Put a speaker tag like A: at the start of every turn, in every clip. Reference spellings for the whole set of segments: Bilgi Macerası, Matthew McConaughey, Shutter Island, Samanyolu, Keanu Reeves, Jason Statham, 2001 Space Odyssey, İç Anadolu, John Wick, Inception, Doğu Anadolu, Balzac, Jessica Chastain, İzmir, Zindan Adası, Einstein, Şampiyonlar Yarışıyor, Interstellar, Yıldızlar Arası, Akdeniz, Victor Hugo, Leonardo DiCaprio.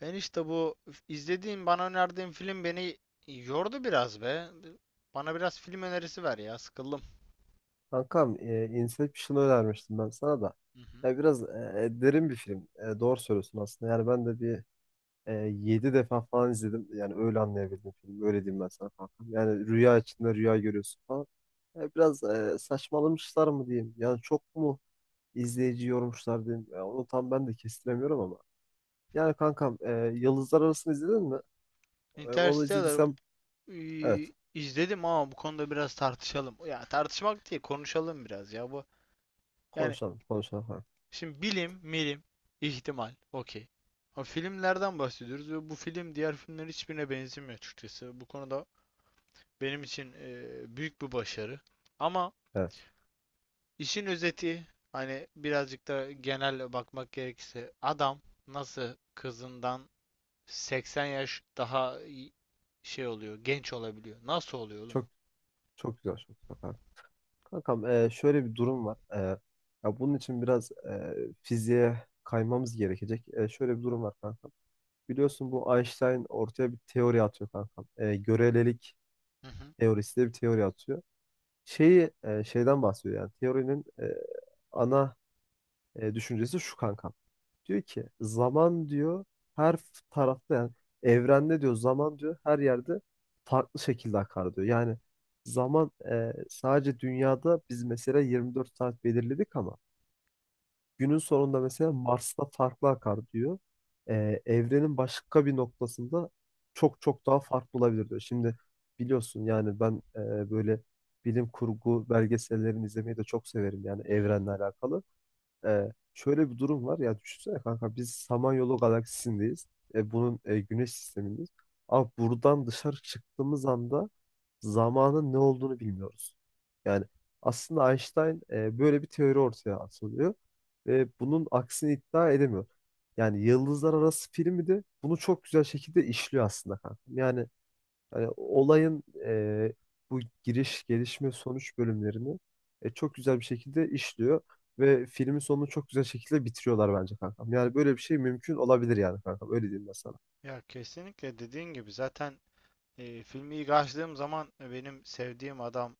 A: Ben işte bu izlediğim, bana önerdiğin film beni yordu biraz be. Bana biraz film önerisi ver ya, sıkıldım.
B: Kankam, Inception'ı önermiştim ben sana da.
A: Hı hı.
B: Ya biraz derin bir film. Doğru söylüyorsun aslında. Yani ben de bir 7 defa falan izledim. Yani öyle anlayabildim filmi. Öyle diyeyim ben sana kankam. Yani rüya içinde rüya görüyorsun falan. Biraz saçmalamışlar mı diyeyim. Yani çok mu izleyici yormuşlar diyeyim. Ya onu tam ben de kestiremiyorum ama. Yani kankam, Yıldızlar Arası'nı izledin mi? Onu
A: Interstellar.
B: izlediysem evet.
A: İzledim ama bu konuda biraz tartışalım. Ya tartışmak değil, konuşalım biraz ya bu. Yani
B: Konuşalım, konuşalım, kankam.
A: şimdi bilim, milim, ihtimal, okey. Ama filmlerden bahsediyoruz ve bu film diğer filmlerin hiçbirine benzemiyor açıkçası. Bu konuda benim için büyük bir başarı. Ama.
B: Evet.
A: İşin özeti, hani birazcık da genel bakmak gerekirse, adam nasıl kızından 80 yaş daha şey oluyor, genç olabiliyor. Nasıl oluyor oğlum bu?
B: Çok çok güzel, çok güzel, kankam. Kankam, şöyle bir durum var. Ya bunun için biraz fiziğe kaymamız gerekecek. Şöyle bir durum var kankam. Biliyorsun bu Einstein ortaya bir teori atıyor kankam. Görelilik
A: Hı hı,
B: teorisi diye bir teori atıyor. Şeyi, şeyden bahsediyor yani teorinin ana düşüncesi şu kankam. Diyor ki zaman diyor her tarafta, yani evrende diyor zaman diyor her yerde farklı şekilde akar diyor. Yani zaman sadece dünyada biz mesela 24 saat belirledik ama günün sonunda mesela Mars'ta farklı akar diyor. Evrenin başka bir noktasında çok çok daha farklı olabilir diyor. Şimdi biliyorsun yani ben böyle bilim kurgu belgesellerini izlemeyi de çok severim, yani
A: hı hı.
B: evrenle alakalı. Şöyle bir durum var, ya düşünsene kanka, biz Samanyolu galaksisindeyiz. Bunun güneş sistemindeyiz. Ama buradan dışarı çıktığımız anda zamanın ne olduğunu bilmiyoruz. Yani aslında Einstein böyle bir teori ortaya atılıyor ve bunun aksini iddia edemiyor. Yani Yıldızlar Arası filmi de bunu çok güzel şekilde işliyor aslında kanka. Yani hani olayın bu giriş, gelişme, sonuç bölümlerini çok güzel bir şekilde işliyor ve filmin sonunu çok güzel şekilde bitiriyorlar bence kankam. Yani böyle bir şey mümkün olabilir yani kankam. Öyle diyeyim ben sana.
A: Ya kesinlikle dediğin gibi zaten, filmi ilk açtığım zaman benim sevdiğim adam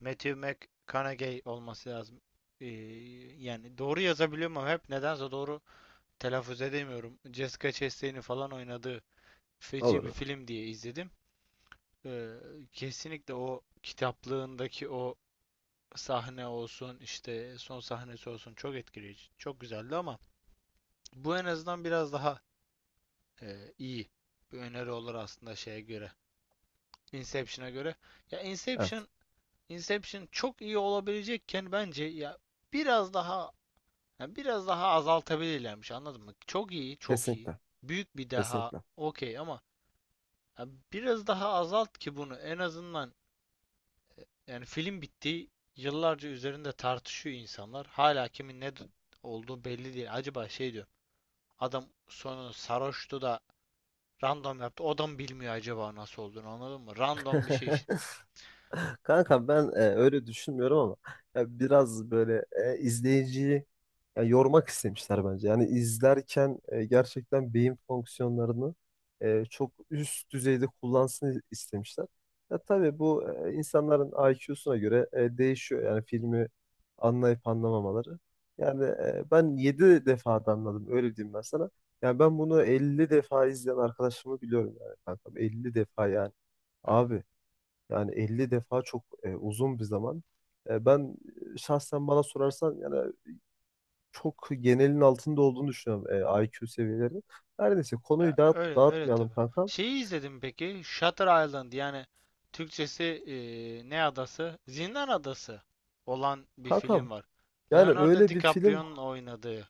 A: Matthew McConaughey olması lazım. E, yani doğru yazabiliyorum ama hep nedense doğru telaffuz edemiyorum. Jessica Chastain'in falan oynadığı feci
B: Olur,
A: bir
B: olur.
A: film diye izledim. Ee, Kesinlikle o kitaplığındaki o sahne olsun, işte son sahnesi olsun, çok etkileyici. Çok güzeldi ama bu en azından biraz daha iyi bir öneri olur aslında şeye göre. Inception'a göre. Ya
B: Evet.
A: Inception Inception çok iyi olabilecekken, bence biraz daha ya biraz daha azaltabilirlermiş, anladın mı? Çok iyi, çok iyi.
B: Kesinlikle.
A: Büyük bir daha
B: Kesinlikle.
A: okey ama ya biraz daha azalt ki bunu en azından. Yani film bitti. Yıllarca üzerinde tartışıyor insanlar. Hala kimin ne olduğu belli değil. Acaba şey diyor. Adam sonu sarhoştu da random yaptı. O da mı bilmiyor acaba nasıl olduğunu, anladın mı? Random bir şey işte.
B: Kanka ben öyle düşünmüyorum ama ya biraz böyle izleyiciyi ya, yormak istemişler bence. Yani izlerken gerçekten beyin fonksiyonlarını çok üst düzeyde kullansın istemişler. Ya tabii bu insanların IQ'suna göre değişiyor. Yani filmi anlayıp anlamamaları. Yani ben 7 defa da anladım, öyle diyeyim ben sana. Yani ben bunu 50 defa izleyen arkadaşımı biliyorum yani kankam. Elli defa yani.
A: Ha.
B: Abi, yani 50 defa çok uzun bir zaman. Ben şahsen bana sorarsan, yani çok genelin altında olduğunu düşünüyorum IQ seviyeleri. Her neyse,
A: Ya
B: konuyu
A: öyle öyle
B: dağıtmayalım
A: tabii.
B: kankam.
A: Şeyi izledim peki. Shutter Island, yani Türkçesi ne adası? Zindan Adası olan bir film
B: Kankam,
A: var.
B: yani
A: Leonardo
B: öyle bir film.
A: DiCaprio'nun oynadığı.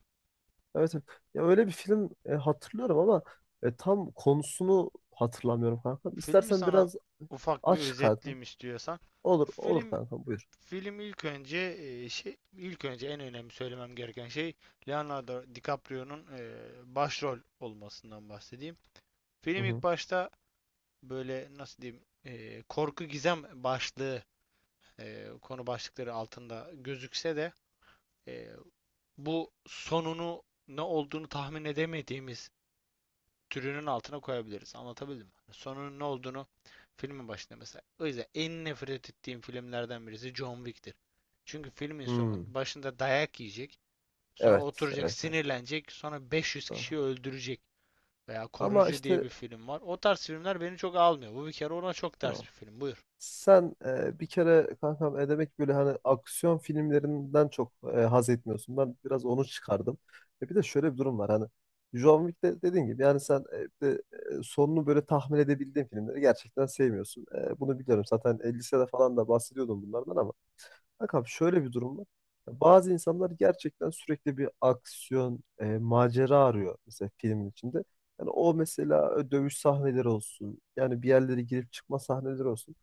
B: Evet, evet. Ya öyle bir film hatırlıyorum ama tam konusunu hatırlamıyorum kankam.
A: Filmi
B: İstersen
A: sana
B: biraz
A: ufak bir
B: aç kankam.
A: özetleyeyim istiyorsan.
B: Olur, olur
A: Film
B: kankam, buyur.
A: Film. İlk önce en önemli söylemem gereken şey, Leonardo DiCaprio'nun başrol olmasından bahsedeyim.
B: Hı
A: Film ilk
B: hı.
A: başta, böyle nasıl diyeyim, korku gizem başlığı, konu başlıkları altında gözükse de e, bu, sonunu ne olduğunu tahmin edemediğimiz türünün altına koyabiliriz. Anlatabildim mi? Sonunun ne olduğunu filmin başında mesela. O yüzden en nefret ettiğim filmlerden birisi John Wick'tir. Çünkü filmin sonun
B: Hmm.
A: başında dayak yiyecek. Sonra
B: Evet,
A: oturacak,
B: evet, evet,
A: sinirlenecek. Sonra 500
B: doğru.
A: kişiyi öldürecek. Veya
B: Ama
A: Korucu diye
B: işte
A: bir film var. O tarz filmler beni çok almıyor. Bu bir kere ona çok ters
B: tamam.
A: bir film. Buyur.
B: Sen bir kere kankam, demek böyle hani aksiyon filmlerinden çok haz etmiyorsun. Ben biraz onu çıkardım. Bir de şöyle bir durum var, hani John Wick'te dediğin gibi yani sen, sonunu böyle tahmin edebildiğin filmleri gerçekten sevmiyorsun. Bunu biliyorum zaten, lisede falan da bahsediyordum bunlardan, ama kankam şöyle bir durum var. Bazı insanlar gerçekten sürekli bir aksiyon, macera arıyor mesela filmin içinde. Yani o mesela dövüş sahneleri olsun, yani bir yerlere girip çıkma sahneleri olsun,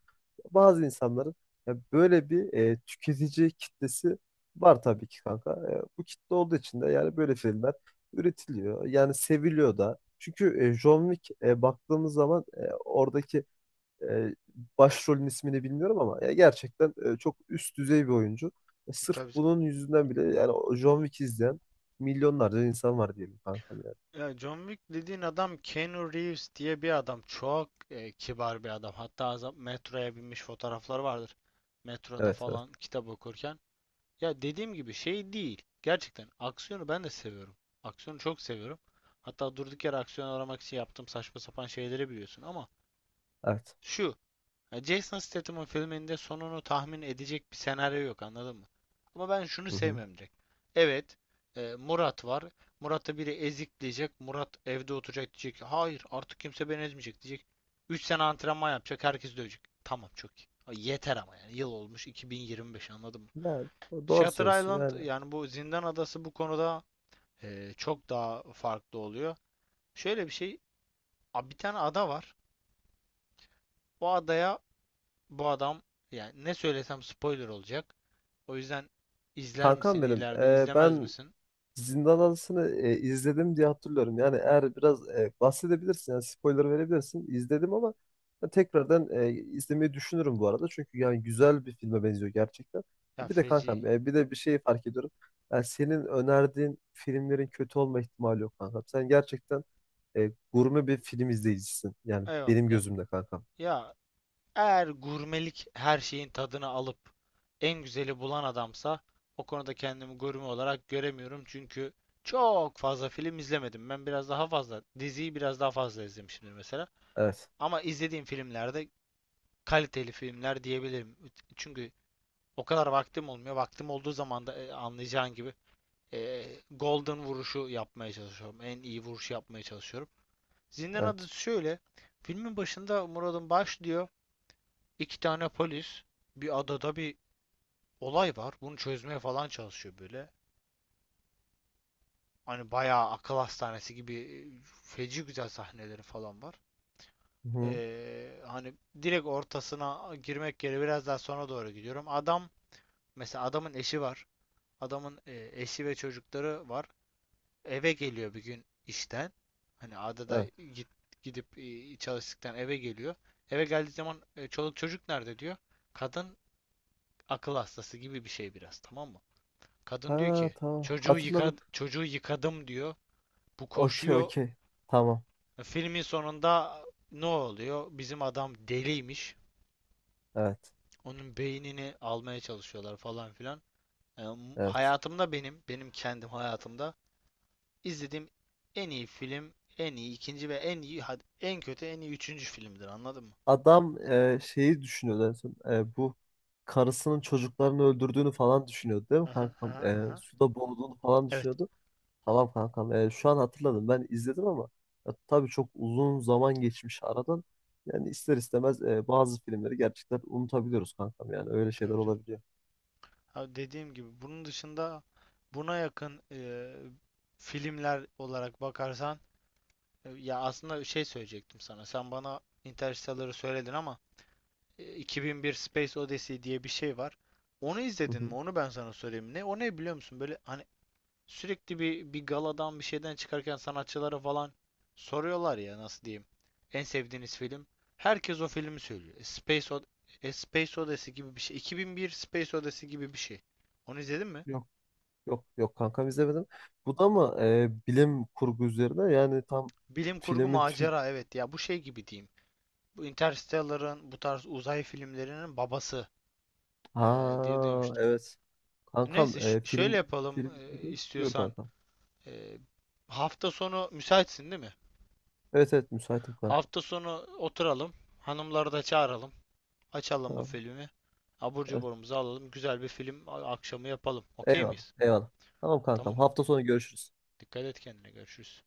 B: bazı insanların ya böyle bir tüketici kitlesi var tabii ki kanka. Bu kitle olduğu için de yani böyle filmler üretiliyor. Yani seviliyor da. Çünkü John Wick, baktığımız zaman oradaki e, başrolün ismini bilmiyorum ama ya gerçekten çok üst düzey bir oyuncu. Sırf
A: Tabii.
B: bunun yüzünden bile yani o John Wick izleyen milyonlarca insan var diyelim kankam yani.
A: Ya, John Wick dediğin adam Keanu Reeves diye bir adam. Çok kibar bir adam. Hatta metroya binmiş fotoğrafları vardır. Metroda
B: Evet, evet.
A: falan kitap okurken. Ya dediğim gibi şey değil. Gerçekten aksiyonu ben de seviyorum. Aksiyonu çok seviyorum. Hatta durduk yere aksiyon aramak için yaptığım saçma sapan şeyleri biliyorsun ama
B: Evet.
A: şu, ya Jason Statham'ın filminde sonunu tahmin edecek bir senaryo yok, anladın mı? Ama ben şunu
B: Hı hı.
A: sevmem direkt. Evet, Murat var. Murat'ı biri ezikleyecek. Murat evde oturacak, diyecek ki, hayır artık kimse beni ezmeyecek diyecek. 3 sene antrenman yapacak. Herkes dövecek. Tamam, çok iyi. Ay, yeter ama yani. Yıl olmuş 2025, anladın mı?
B: Yani doğru
A: Shutter
B: söylüyorsun
A: Island,
B: yani.
A: yani bu Zindan Adası, bu konuda çok daha farklı oluyor. Şöyle bir şey, bir tane ada var. O adaya bu adam, yani ne söylesem spoiler olacak. O yüzden izler
B: Kankam
A: misin ileride, izlemez
B: ben
A: misin?
B: Zindan Adası'nı izledim diye hatırlıyorum. Yani eğer biraz bahsedebilirsin, yani spoiler verebilirsin. İzledim ama ben tekrardan izlemeyi düşünürüm bu arada. Çünkü yani güzel bir filme benziyor gerçekten.
A: Ya
B: Bir de
A: feci.
B: kankam, bir de bir şey fark ediyorum. Yani senin önerdiğin filmlerin kötü olma ihtimali yok kankam. Sen gerçekten gurme bir film izleyicisin. Yani
A: Eyvallah.
B: benim
A: Ya,
B: gözümde kankam.
A: ya eğer gurmelik her şeyin tadını alıp en güzeli bulan adamsa, o konuda kendimi gurme olarak göremiyorum. Çünkü çok fazla film izlemedim. Ben biraz daha fazla, diziyi biraz daha fazla izlemişimdir mesela.
B: Evet,
A: Ama izlediğim filmlerde kaliteli filmler diyebilirim. Çünkü o kadar vaktim olmuyor. Vaktim olduğu zaman da, anlayacağın gibi, golden vuruşu yapmaya çalışıyorum. En iyi vuruşu yapmaya çalışıyorum. Zindan
B: evet.
A: Adası şöyle. Filmin başında Murad'ın başlıyor. İki tane polis, bir adada bir olay var. Bunu çözmeye falan çalışıyor böyle. Hani bayağı akıl hastanesi gibi, feci güzel sahneleri falan var.
B: Hı-hı.
A: Hani direkt ortasına girmek yerine biraz daha sonra doğru gidiyorum. Mesela adamın eşi var. Adamın eşi ve çocukları var. Eve geliyor bir gün işten. Hani adada
B: Evet.
A: gidip çalıştıktan eve geliyor. Eve geldiği zaman çoluk çocuk nerede diyor. Kadın akıl hastası gibi bir şey biraz, tamam mı? Kadın diyor
B: Ha,
A: ki,
B: tamam,
A: çocuğu yıka,
B: hatırladım.
A: çocuğu yıkadım diyor. Bu
B: Okey,
A: koşuyor.
B: okey. Tamam.
A: Filmin sonunda ne oluyor? Bizim adam deliymiş.
B: Evet,
A: Onun beynini almaya çalışıyorlar falan filan. E,
B: evet.
A: Hayatımda, benim kendim hayatımda izlediğim en iyi film, en iyi ikinci ve en iyi, hadi en kötü, en iyi üçüncü filmdir. Anladın mı?
B: Adam şeyi düşünüyordu en son. Bu karısının çocuklarını öldürdüğünü falan düşünüyordu değil mi
A: Aha,
B: kankam?
A: aha, aha.
B: Suda boğulduğunu falan
A: Evet.
B: düşünüyordu. Tamam kankam, şu an hatırladım. Ben izledim ama ya, tabii çok uzun zaman geçmiş aradan. Yani ister istemez bazı filmleri gerçekten unutabiliyoruz kankam. Yani öyle şeyler
A: Tabii canım.
B: olabiliyor.
A: Ha, dediğim gibi bunun dışında, buna yakın filmler olarak bakarsan, ya aslında şey söyleyecektim sana. Sen bana Interstellar'ı söyledin ama 2001 Space Odyssey diye bir şey var. Onu
B: Hı
A: izledin
B: hı.
A: mi? Onu ben sana söyleyeyim. Ne o, ne biliyor musun? Böyle hani sürekli bir galadan, bir şeyden çıkarken sanatçılara falan soruyorlar ya, nasıl diyeyim. En sevdiğiniz film. Herkes o filmi söylüyor. Space Odyssey gibi bir şey. 2001 Space Odyssey gibi bir şey. Onu izledin mi?
B: Yok, yok, yok, kankam, izlemedim. Bu da mı bilim kurgu üzerine? Yani tam
A: Bilim kurgu
B: filmin tü-
A: macera, evet ya, bu şey gibi diyeyim. Bu Interstellar'ın, bu tarz uzay filmlerinin babası diye
B: Ha,
A: duymuştum.
B: evet.
A: Neyse
B: Kankam,
A: şöyle
B: film
A: yapalım
B: film buydu. Buyur
A: istiyorsan.
B: kankam.
A: E, Hafta sonu müsaitsin değil mi?
B: Evet, evet, müsaitim kankam.
A: Hafta sonu oturalım. Hanımları da çağıralım. Açalım bu
B: Tamam.
A: filmi. Abur
B: Evet.
A: cuburumuzu alalım. Güzel bir film akşamı yapalım. Okey
B: Eyvallah.
A: miyiz?
B: Eyvallah. Tamam kankam.
A: Tamam.
B: Hafta sonu görüşürüz.
A: Dikkat et kendine. Görüşürüz.